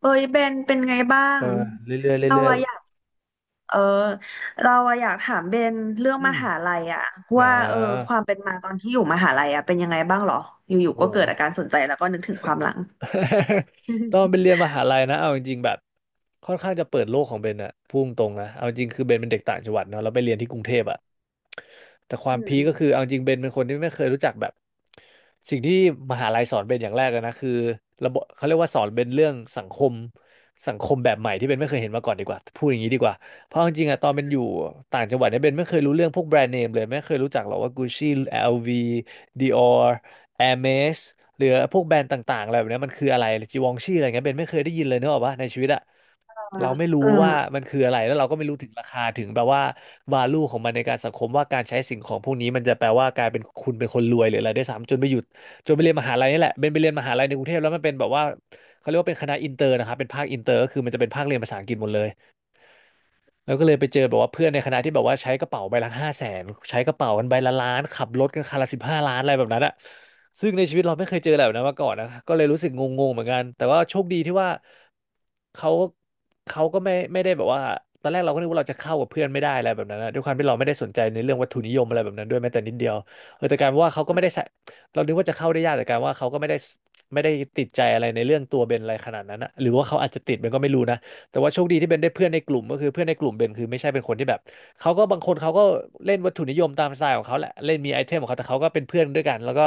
เอ้ยเบนเป็นไงบ้าเองอเรื่อยๆเราเรื่อยอะอยากเออเราอะอยากถามเบนเรื่อๆงอืมมหาลัยอะอ่าว่าความเป็นมาตอนที่อยู่มหาลัยอะเป็นยังไงบ้างหรออยู่ๆก็โอ้เกิโห ดอาการสนใจแล้วก็นึกถึงความหลัง ต้องเป็น เรียนมหาลัยนะ เอาจริงๆแบบ ค่อนข้างจะเปิดโลกของเบนอะพูงตรงๆนะ เอาจริงคือเบนเป็นเด็กต่างจังหวัดเนาะแล้วไปเรียนที่กรุงเทพอะ แต่ควาอืมมพีคก็คือเอาจริงเบนเป็นคนที่ไม่เคยรู้จักแบบสิ่งที่มหาลัยสอนเบนอย่างแรกเลยนะคือระบบเขาเรียกว่าสอนเบนเรื่องสังคมสังคมแบบใหม่ที่เบนไม่เคยเห็นมาก่อนดีกว่าพูดอย่างนี้ดีกว่าเพราะเอาจริงๆอะตอนเป็นอยู่ต่างจังหวัดเนี่ยเบนไม่เคยรู้เรื่องพวกแบรนด์เนมเลยไม่เคยรู้จักหรอกว่า Gucci LV Dior Hermes หรือพวกแบรนด์ต่างๆอะไรแบบเนี้ยมันคืออะไรจีวองชี่อะไรเงี้ยเบนไม่เคยได้ยินเลยเนกอะวะในชีวิตอะ เออเราไม่รู้เออว่ามันคืออะไรแล้วเราก็ไม่รู้ถึงราคาถึงแบบว่า value ของมันในการสังคมว่าการใช้สิ่งของพวกนี้มันจะแปลว่ากลายเป็นคุณเป็นคนรวยหรืออะไรได้วยซ้ำจนไปหยุดจนไปเรียนมหาลัยนี่แหละเป็นไปเรียนมหาลัยในกรุงเทพแล้วมันเป็นแบบว่าเขาเรียกว่าเป็นคณะอินเตอร์นะครับเป็นภาคอินเตอร์ก็คือมันจะเป็นภาคเรียนภาษาอังกฤษหมดเลย แล้วก็เลยไปเจอแบบว่าเพื่อนในคณะที่แบบว่าใช้กระเป๋าใบละ500,000ใช้กระเป๋ากันใบละล้านขับรถกันคันละ15,000,000อะไรแบบนั้นอะซึ่งในชีวิตเราไม่เคยเจออะไรแบบนั้นมาก่อนนะก็เลยรู้สึกงงๆเหมือนกันแต่ว่าโชคดีที่ว่าเขาเขาก็ไม่ได้แบบว่าตอนแรกเราก็นึกว่าเราจะเข้ากับเพื่อนไม่ได้อะไรแบบนั้นนะด้วยความที่เราไม่ได้สนใจในเรื่องวัตถุนิยมอะไรแบบนั้นด้วยแม้แต่นิดเดียวเออแต่กลารว่าเขาก็ไม่ได้ใส่เรานึกว่าจะเข้าได้ยากแต่กลารว่าเขาก็ไม่ได้ติดใจอะไรในเรื่องตัวเบนอะไรขนาดนั้นนะหรือว่าเขาอาจจะติดเบนก็ไม่รู้นะ แต่ว่าโชคดีที่เบนได้เพื่อนในกลุ่มก็คือเพื่อนในกลุ่มเบนคือไม่ใช่เป็นคนที่แบบเขาก็บางคนเขาก็เล่นวัตถุนิยมตามสไตล์ของเขาแหละเล่นมีไอเทมของเขาแต่เขาก็เป็นเพื่อนด้วยกันแล้วก็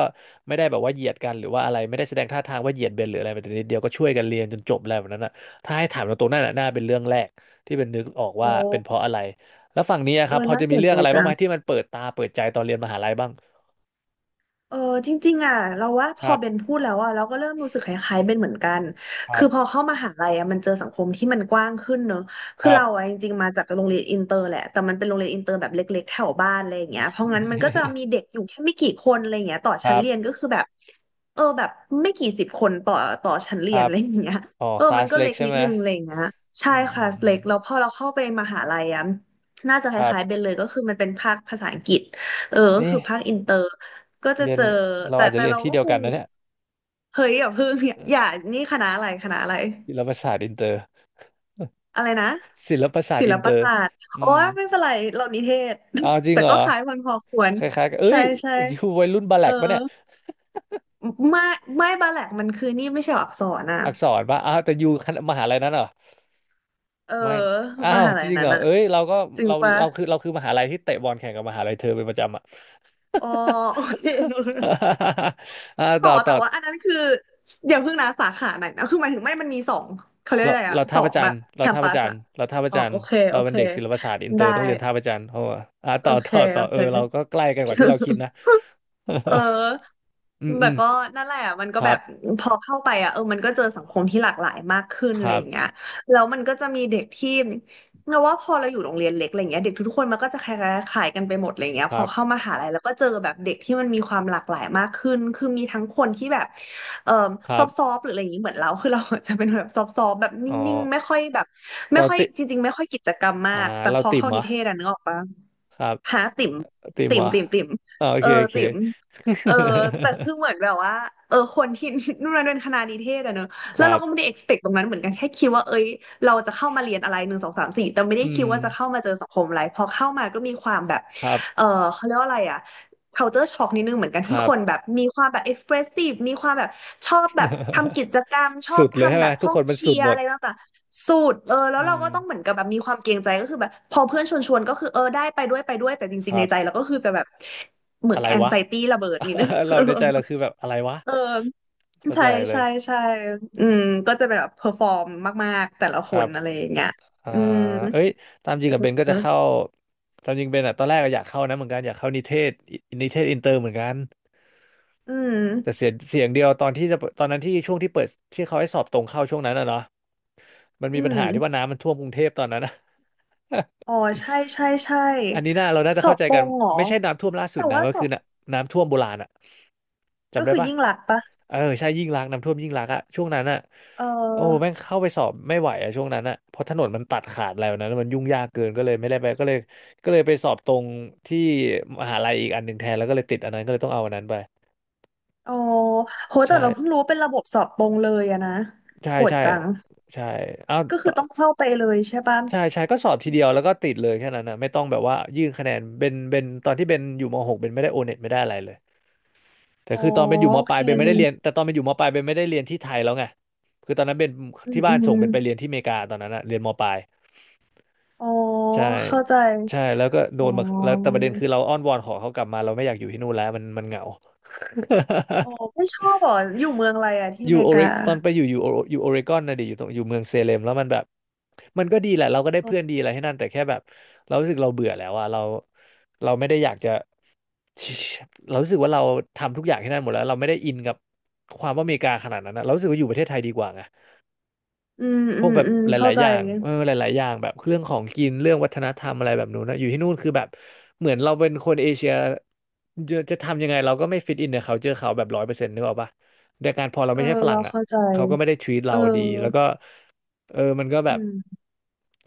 ไม่ได้แบบว่าเหยียดกันหรือว่าอะไรไม่ได้แสดงท่าทางว่าเหยียดเบนหรืออะไรแต่นิดเดียวก็ช่วยกันเรียนจนจบอะไรแบบนั้นอ่ะถ้าให้ถามตรงๆนั่นน่ะน่าเป็นเรื่องแรกที่เบนนึกออกโอ้ว่าเป็นเพราะอะไรแล้วฝั่งนี้อะคเอรับอพอน่าจะสมีนเรื่อใจงอะไรบ้างจัไหมง ที่มันเปิดตาเปิดใจตอนเรียนมหาลัยบ้างเออจริงๆอ่ะเราว่าพคอรับเบนพูดแล้วอ่ะเราก็เริ่มรู้สึกคล้ายๆเบนเหมือนกันครัคืบอพอเข้ามหาลัยอ่ะมันเจอสังคมที่มันกว้างขึ้นเนอะคคือรับ เราอ่ะจริงๆมาจากโรงเรียนอินเตอร์แหละแต่มันเป็นโรงเรียนอินเตอร์แบบเล็กๆแถวบ้านอะไรอย่างเงี้ยเพราะงั้นมันก็จะมีเด็กอยู่แค่ไม่กี่คนอะไรอย่างเงี้ยต่อ คชั้นรัเรียนบก็คือแบบเออแบบไม่กี่สิบคนต่อชั้นคเรียนรัอะบไรอย่างเงี้ยอ๋อเออคลามันสก็เล็เล็กกใช่นิดไหมนึงอะไรอย่างเงี้ยใช่อืมคอืลามสอืเล็มกแล้วพอเราเข้าไปมหาลัยอ่ะน่าจะคครัล้ายๆเบบนเลยก็คือมันเป็นภาคภาษาอังกฤษเออก็นี่ คือภาคอินเตอร์ ก็จะเรียนเจอเราแต่อาจจะแต่เรียนเราที่ก็เดียควกังนนะเนี่ยเฮ้ยอย่าเพิ่ง อย่าเออย่าอนี่คณะอะไรศิลปศาสตร์อินเตอร์ อะไรนะ ศิลปศาสตศิร์ลอินปเตอร์ศาสตร์อืโอ้มยไม่เป็นไรเรานิเทศ เอาจ ริงแต่เหรอก็คล้ายมันพอควรคล้ายๆกันเอ้ใช่ย ใช่ ยูวัยรุ่นบาแลเออกปะเนี่ยไม่ไม่บาแหลกมันคือนี่ไม่ใช่อักษรนะอักษรปะอ้าวแต่ยูคณะ มหาลัยนั้นเหรอเออไม่อ้ามวหาจลัยริงนั้เหนรออะเอ้ยเราก็จริงเราปะเราคือเราคือมหาลัยที่เตะบอลแข่งกับมหาลัยเธอเป็นประจำอ่ะ อ๋อ โอเค อ่าขต่ออต่แต่อ ว่าอันนั้นคืออย่าเพิ่งนะสาขาไหนนะคือหมายถึงไม่มันมีสองเขาเรียกเราอะไรอะเราสท่าอพระงจัแบนทบร์เราแคมท่าพปัระสจันทอะร์เราท่าพระอ๋อจันทโอร์เคเราโอเป็นเคเด็กศิลปศาสตร์อินเตอได้ร์ต้องเรียนท่าพระจันทร์เพราะว่าอ่าโอต่อ เคต่อโอเออเราเค ก็ใกล้กันกว่าที่เราคิดนะ เออ อืมอืแต่มก็นั่นแหละมันก็คแบรับบพอเข้าไปอ่ะเออมันก็เจอสังคมที่หลากหลายมากขึ้นคอะไรรัอย่างเงี้บยแล้วมันก็จะมีเด็กที่เราว่าพอเราอยู่โรงเรียนเล็กอะไรเงี้ยเด็กทุกๆคนมันก็จะคล้ายๆกันไปหมดอะไรเงี้ยคพรัอเข้าบมหาลัยแล้วก็เจอแบบเด็กที่มันมีความหลากหลายมากขึ้นคือมีทั้งคนที่แบบเอ่อคซรัอบฟๆหรืออะไรอย่างงี้เหมือนเราคือเราจะเป็นแบบซอฟๆแบบนอ๋อิ่งๆไม่ค่อยแบบไม่เราค่อยติจริงๆไม่ค่อยกิจกรรมมาอ่ากแต่เราพอติ่มเข้าเหรนิอเทศอะนึกออกปะครับหาติ่มติ่มติ่เหรมอติ่มติ่มอ่าโอเอเค อโอเค ติ๋ม เออแต่คือเหมือนแบบว่าเออคนที่ นู่นนั่นเป็นคณะนิเทศอะเนอะ คแล้วรัเราบก็ไม่ได้ expect ตรงนั้นเหมือนกันแค่คิดว่าเอ้ยเราจะเข้ามาเรียนอะไรหนึ่งสองสามสี่แต่ไม่อืได้คิมดว่าจะเข้ามาเจอสังคมอะไรพอเข้ามาก็มีความแบบครับเออเขาเรียกว่าอะไรอะ culture shock นิดนึงเหมือนกันคที่รัคบ นแบบมีความแบบ expressive มีความแบบชอบแบบทำกิจกรรมช อสุบดเลยใช่ทำไหแบม บทุกห้อคงนมันเชีสุดยร์หมอะดไรต่างๆสูตรเออแล้อืวเราก็ต้องเหมมือนกับแบบมีความเกรงใจก็คือแบบพอเพื่อนชวนก็คือเออได้ไปด้วยแต่จคริงๆรัในบ ใจเราก็คือจะแบบ เหมืออะนไรแอนวะ ไซตี้ระเบิดนี่นะ เราในใจ เราคือแบบอะไรวะเออเข้าใช่ใจเลใช่ยใช่อืมก็จะเป็นแบบเพอร์ฟอร์มมากๆแต่ละคครันบอะไรอย่างเงี้ยอ่าอืมเอ้ยตามจริงกับเบนก็เอจะอเข้า ตามจริงเบนอะตอนแรกอะอยากเข้านะเหมือนกันอยากเข้านิเทศอินิเทศอินเตอร์เหมือนกันอืมแต่เสียงเดียวตอนที่จะเปิดตอนนั้นที่ช่วงที่เปิดที่เขาให้สอบตรงเข้าช่วงนั้นอะเนาะมันอืมีปัญมหาที่ว่าน้ำมันท่วมกรุงเทพตอนนั้นอะ อ๋อใช่ อันนี้น่าเราน่าจะสอเข้าบใจตรกันงเหรอไม่ใช่น้ำท่วมล่าสุแต่ดนะว่ามันสอคือบน้ำท่วมโบราณอะก็จำได้คือปะ ยิ่งหลักษณ์ปะเออใช่ยิ่งรักษณ์น้ำท่วมยิ่งรักษณ์อะช่วงนั้นอะเโอ้แม่อองเข้าไปสอบไม่ไหวอะช่วงนั้นอะเพราะถนนมันตัดขาดอะไรแบบนั้นมันยุ่งยากเกินก็เลยไม่ได้ไปก็เลยก็เลยไปสอบตรงที่มหาลัยอีกอันหนึ่งแทนแล้วก็เลยติดอันนั้นก็เลยต้องเอาอันนั้นไปอ๋อโหแต่ใช่เราเพิ่งรู้เป็นระบบสอบตรงเลยอะนะใช่โหดใช่จังใช่เอาก็คืต่ออต้องเข้าไปเลยใช่ปะใช่ใช่ก็สอบทีเดียวแล้วก็ติดเลยแค่นั้นนะไม่ต้องแบบว่ายื่นคะแนนเบนตอนที่เบนอยู่มหกเบนไม่ได้โอเน็ตไม่ได้อะไรเลย แต่อ๋อคือตอนเป็นอยู่มโอปเคลายเบนไม่ได้เรียนแต่ตอนเป็นอยู่มปลายเบนไม่ได้เรียนที่ไทยแล้วไงคือตอนนั้นเป็นอืมที่อืบ้านมส่งเป็นไปเรียนที่อเมริกาตอนนั้นอะเรียนมปลายอ๋อใช่เข้าใจ ใช่แล้วก็โดอ๋นอมาแล้วแต่ประเด็นคือเราอ้อนวอนขอเขากลับมาเราไม่อยากอยู่ที่นู่นแล้วมันเหงา อ๋อไม่ชอบเหรอ อยู่เมืองอะไรอะ ที่ออยู่เมโอริเรกา ตอนไปอยู่อยู่โอเรกอนนะดิอยู่ตรงอยู่เมืองเซเลมแล้วมันแบบมันก็ดีแหละเราก็ได้เพื่อนดีอะไรให้นั่นแต่แค่แบบเรารู้สึกเราเบื่อแล้วอะเราไม่ได้อยากจะ เรารู้สึกว่าเราทำทุกอย่างที่นั่นหมดแล้วเราไม่ได้อินกับความว่าอเมริกาขนาดนั้นนะเรารู้สึกว่าอยู่ประเทศไทยดีกว่าไงอืมพอืวกมแบบอืมหเข้าลายใจ ๆอย่างเออหลายๆอย่างแบบเรื่องของกินเรื่องวัฒนธรรมอะไรแบบนู้นนะอยู่ที่นู่นคือแบบเหมือนเราเป็นคนเอเชียจะทำยังไงเราก็ไม่ฟิตอินในเขาเจอเขาแบบร้อยเปอร์เซ็นต์นึกออกปะในการพอเราเอไม่อ ใช่ฝรั่เรางอ่ะเข้าใจ เขาก็ไม่ได้ทวีตเอเราอ ดีแล้วก็เออมันก็แบบ อืม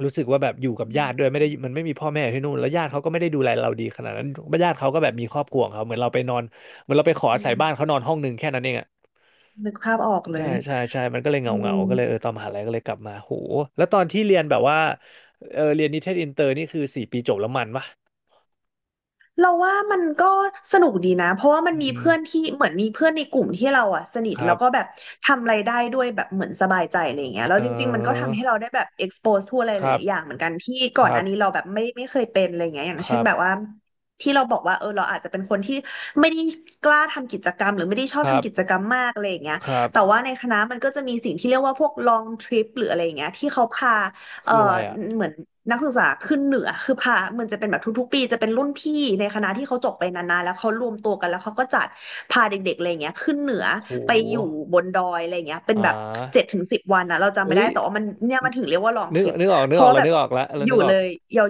รู้สึกว่าแบบอยู่กับอืญาติด้วยไม่ได้มมันไม่มีพ่อแม่อยู่ที่นู่นแล้วญาติเขาก็ไม่ได้ดูแลเราดีขนาดนั้นญาติเขาก็แบบมีครอบครัวของเขาเหมือนเราไปนอนเหมือนเราไปขออือาศัยมบ้านเขานอนห้องหนึ่งแค่นั้นเองอะนึกภาพออกเลใช่ยใช่ใช่มันก็เลยเออ เงาก็เลยเออตอนมหาลัยก็เลยกลับมาโหแล้วตอนที่เรียนแบบว่าเออเรียนนิเทศอินเตอร์นี่คือสี่ปีจบแล้วมันปะเราว่ามันก็สนุกดีนะเพราะว่ามันอืมีมเพื่อนที่เหมือนมีเพื่อนในกลุ่มที่เราอ่ะสนิทคแล้รัวก็บแบบทำอะไรได้ด้วยแบบเหมือนสบายใจอะไรอย่างเงี้ยแล้วเอจริงๆมันก็อทำให้เราได้แบบ expose ทั่วอะไรคหรับลายๆอย่างเหมือนกันที่คก่อนหรัน้าบนี้เราแบบไม่เคยเป็นอะไรอย่างเงี้ยอย่างคเช่รันแบบบว่าที่เราบอกว่าเออเราอาจจะเป็นคนที่ไม่ได้กล้าทำกิจกรรมหรือไม่ได้ชอคบรับทำกิจกรรมมากอะไรอย่างเงี้ยครับแต่ว่าในคณะมันก็จะมีสิ่งที่เรียกว่าพวก long trip หรืออะไรอย่างเงี้ยที่เขาพา เอ่คือออะไรอ่ะเหมือนนักศึกษาขึ้นเหนือคือพามันจะเป็นแบบทุกๆปีจะเป็นรุ่นพี่ในคณะที่เขาจบไปนานๆแล้วเขารวมตัวกันแล้วเขาก็จัดพาเด็กๆอะไรเงี้ยขึ้นเหนือโหไปอยู่บนดอยอะไรเงี้ยเป็นอ่แบบเจ็ดาถึงสิบวันนะเราจำไม่เอ้ได้ยแต่ว่ามันเนี่ยมันถึงเรียกว่าลองนึทกริปนึกออกนึเพกอราะอกว่าเราแบบนึกออกแล้วเราอนึยู่กออเลกย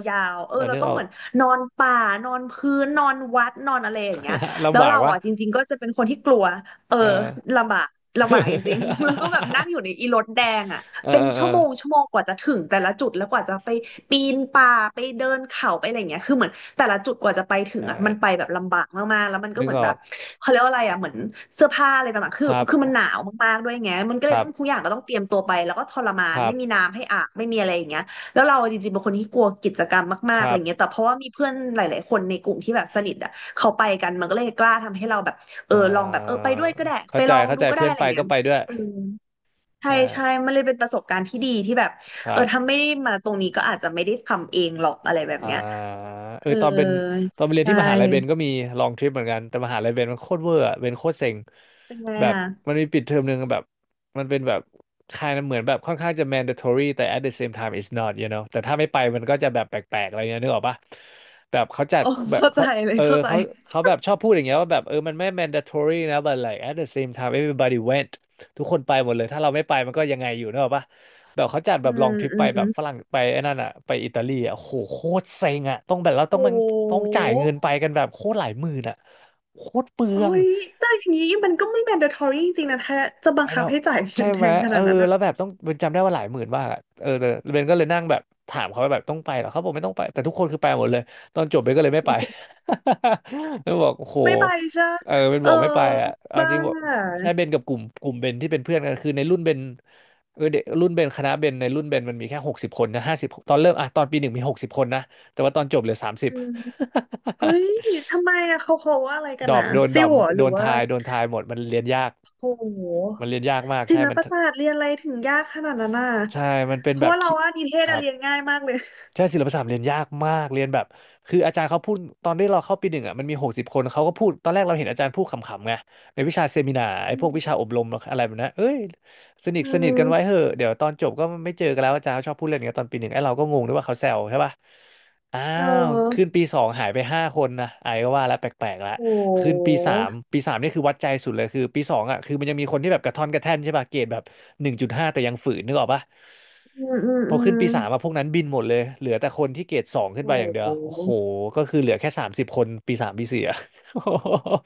ยาวๆเออเราเรานึกต้อองอเหก มือนนอนป่านอนพื้นนอนวัดนอนอะไรอย่างเงี้ย แล้ลำวบากเราวะอ่ะจริงๆก็จะเป็นคนที่กลัวเออเออ ลำบากลำบากจริงๆ แล้วก็แบบนั่งอ ยู่ในอีรถแดงอ่ะ เออเป็นเออเออชั่วโมงชั่วโมงกว่าจะถึงแต่ละจุดแล้วกว่าจะไปปีนป่าไปเดินเขาไปอะไรอย่างเงี้ยคือเหมือนแต่ละจุดกว่าจะไปใถึงอ่ะมันไปช่แบบลำบากมากๆแล้วมันก็นึเหกมืออนแบอก บเขาเรียกว่าอะไรอ่ะเหมือนเสื้อผ้าอะไรต่างๆคคือรับ คือมันหนาวมากๆด้วยไงมันก็คเลยรัต้องทุกบ อย่างก็ต้องเตรียมตัวไปแล้วก็ทรมาคนรับ ไม่มีน้ำให้อาบไม่มีอะไรอย่างเงี้ยแล้วเราจริงๆเป็นคนที่กลัวกิจกรรมคมากๆอะรัไรบเงี้ยแต่เพราะว่ามีเพื่อนหลายๆคนในกลุ่มที่แบบสนิทอ่ะเขาไปกันมันก็เลยกล้าทำให้เราแบบเอเออลองแบบเอออไปด้วยก็ได้เข้าไปใจ ลองเข้าดูใจ ก็ได้เพื่อนอะไรไปอย่างเงี้ก็ยไปด้วยเออ ใช่ใช่ใช่ มันเลยเป็นประสบการณ์ที่ดีที่แบบครัเออถ้าบ ไม่ได้มาตรงนี้ก็อาจจะไม่ได้ทำเองหรอกอะไรแบบอ่าเนี้ยเอเอออตอนเป็นตอนไปเรียนใช่ที่มหาลัยเบนก็มีลองทริปเหมือนกันแต่มหาลัยเบนมันโคตรเวอร์อะเบนโคตรเซ็งเป็นไงแบบอ่ะมันมีปิดเทอมหนึ่งแบบมันเป็นแบบคายเหมือนแบบค่อนข้างจะ mandatory แต่ at the same time it's not you know แต่ถ้าไม่ไปมันก็จะแบบแปลกๆอะไรเงี้ยนึกออกปะแบบเขาจัดโอ้แบบเข้าใจเขาเลยเออเข้าใจ เขาเขาแบบชอบพูดอย่างเงี้ยว่าแบบเออมันไม่ mandatory นะ but like at the same time everybody went ทุกคนไปหมดเลยถ้าเราไม่ไปมันก็ยังไงอยู่นึกออกปะ แบบเขาจัดแบอืบลอมงทริปอืไปแบมบฝรั่งไปไอ้นั่นอ่ะไปอิตาลีอ่ะโหโคตรเซ็งอ่ะต้องแบบเราต้อโงมันต้องหจ่ายเงินไปกันแบบโคตรหลายหมื่นอ่ะโคตรเปลืโอ้อง ยแต่อย่างนี้มันก็ไม่ mandatory จริงๆนะถ้าจะบังไอ้คับเนาะให้จ่ายเงิใช่นแพไหมงขเอนาอดนั้นอะแล้วแบบต้องเบนจำได้ว่าหลายหมื่นมากอะเออแต่เบนก็เลยนั่งแบบถามเขาว่าแบบต้องไปเหรอเขาบอกไม่ต้องไปแต่ทุกคนคือไปหมดเลยตอนจบเบนก็เลยไม่ไป แล้วบอกโอ้โหไม่ไปใช่ปะเออเบนเอบออกไม่ไปอ่ะเอาบ้าจริงบอกใช่เบนกับกลุ่มเบนที่เป็นเพื่อนกันคือในรุ่นเบนเออเด็กรุ่นเบนคณะเบนในรุ่นเบนมันมีแค่หกสิบคนนะห้าสิบตอนเริ่มอ่ะตอนปีหนึ่งมีหกสิบคนนะแต่ว่าตอนจบเหลือสามสิบ อืมเฮ้ยทำไมอะเขาว่าอะไรกั นดรอนะปโดนซิดรอวปเหรอหโดรือนว่า ทายโดนทายหมดมันเรียนยากโหมันเรียนยากมากศิใช่ลมัน ปศาสตร์เรียนอะไรถึงยากขนาดนั้นน่ะใช่ มันเป็นเพแบราะบว่าเราคิว่านิเทศคอะรับเรียนง่ายมากเลยใช่ศิลปศาสตร์เรียนยากมากเรียนแบบคืออาจารย์เขาพูดตอนที่เราเข้าปีหนึ่งอ่ะมันมีหกสิบคน เขาก็พูดตอนแรกเราเห็นอาจารย์พูดขำๆไงในวิชาเซมินาร์ไอ้อืพวกมวิชาอบรมอะไรแบบนั้นเอ้ยสนิทอืสนิทกัมนไว้เหอะเดี๋ยวตอนจบก็ไม่เจอกันแล้วอาจารย์เขาชอบพูดเล่นอย่างเงี้ยตอนปีหนึ่งไอ้เราก็งงด้วยว่าเขาแซวใช่ป่ะอ้าเอวขึ้นอปีสองหายไปห้าคนนะไอ้ก็ว่าแล้วแปลกๆละ โคืนหปีสามปีสามนี่คือวัดใจสุดเลยคือปีสองอ่ะคือมันยังมีคนที่แบบกระท่อนกระแท่นใช่ป่ะเกรดแบบหนึ่งจุดห้าแต่ยังฝืนนึกออกป่ะอืมอืมพออืขึ้นมปีสามอะพวกนั้นบินหมดเลยเหลือแต่คนที่เกรดสองโขึ้นไปอย่างเดียวโอ้หโหก็คือเหลือแค่สามสิบคนปีสามปีสี่อะ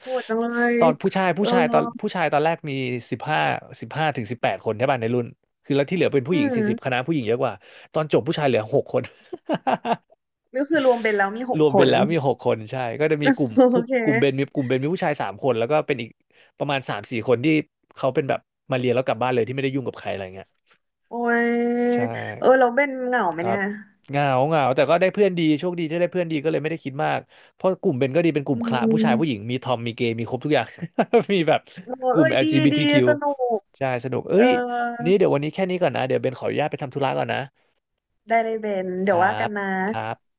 โหดจังเลย ตอนผู้ชายเอผู้ชายตอนอผู้ชายตอนแรกมีสิบห้าสิบห้าถึงสิบแปดคนใช่ป่ะในรุ่นคือแล้วที่เหลือเป็นผู้อืหญิงสี่มสิบคณะผู้หญิงเยอะกว่าตอนจบผู้ชายเหลือหกคน ก็คือรวมเป็นแล้วมีหรกวมคเป็นน แล้วมีหกคนใช่ก็จะมีกลุ่ม โอผู้เคกลุ่มเบนมีผู้ชายสามคนแล้วก็เป็นอีกประมาณสามสี่คนที่เขาเป็นแบบมาเรียนแล้วกลับบ้านเลยที่ไม่ได้ยุ่งกับใครอะไรเงี้ยโอ้ยใช่เออเราเป็นเหงาไหมครัเนี่บยเหงาเหงาแต่ก็ได้เพื่อนดีโชคดีที่ได้เพื่อนดีก็เลยไม่ได้คิดมากเพราะกลุ่มเบนก็ดีเป็นกลุ่อืมคละผู้ชายผู้หญิมงมีทอมมีเกย์มีครบทุกอย่าง มีแบบโอ้กลุ่ม เอ้ยดีดี LGBTQ สนุกใช่สนุกเอ้เออยนี่เดี๋ยววันนี้แค่นี้ก่อนนะเดี๋ยวเบนขออนุญาตไปทำธุระก่อนนะได้เลยเบนคเดี๋ยวรัว่ากันบนะครับ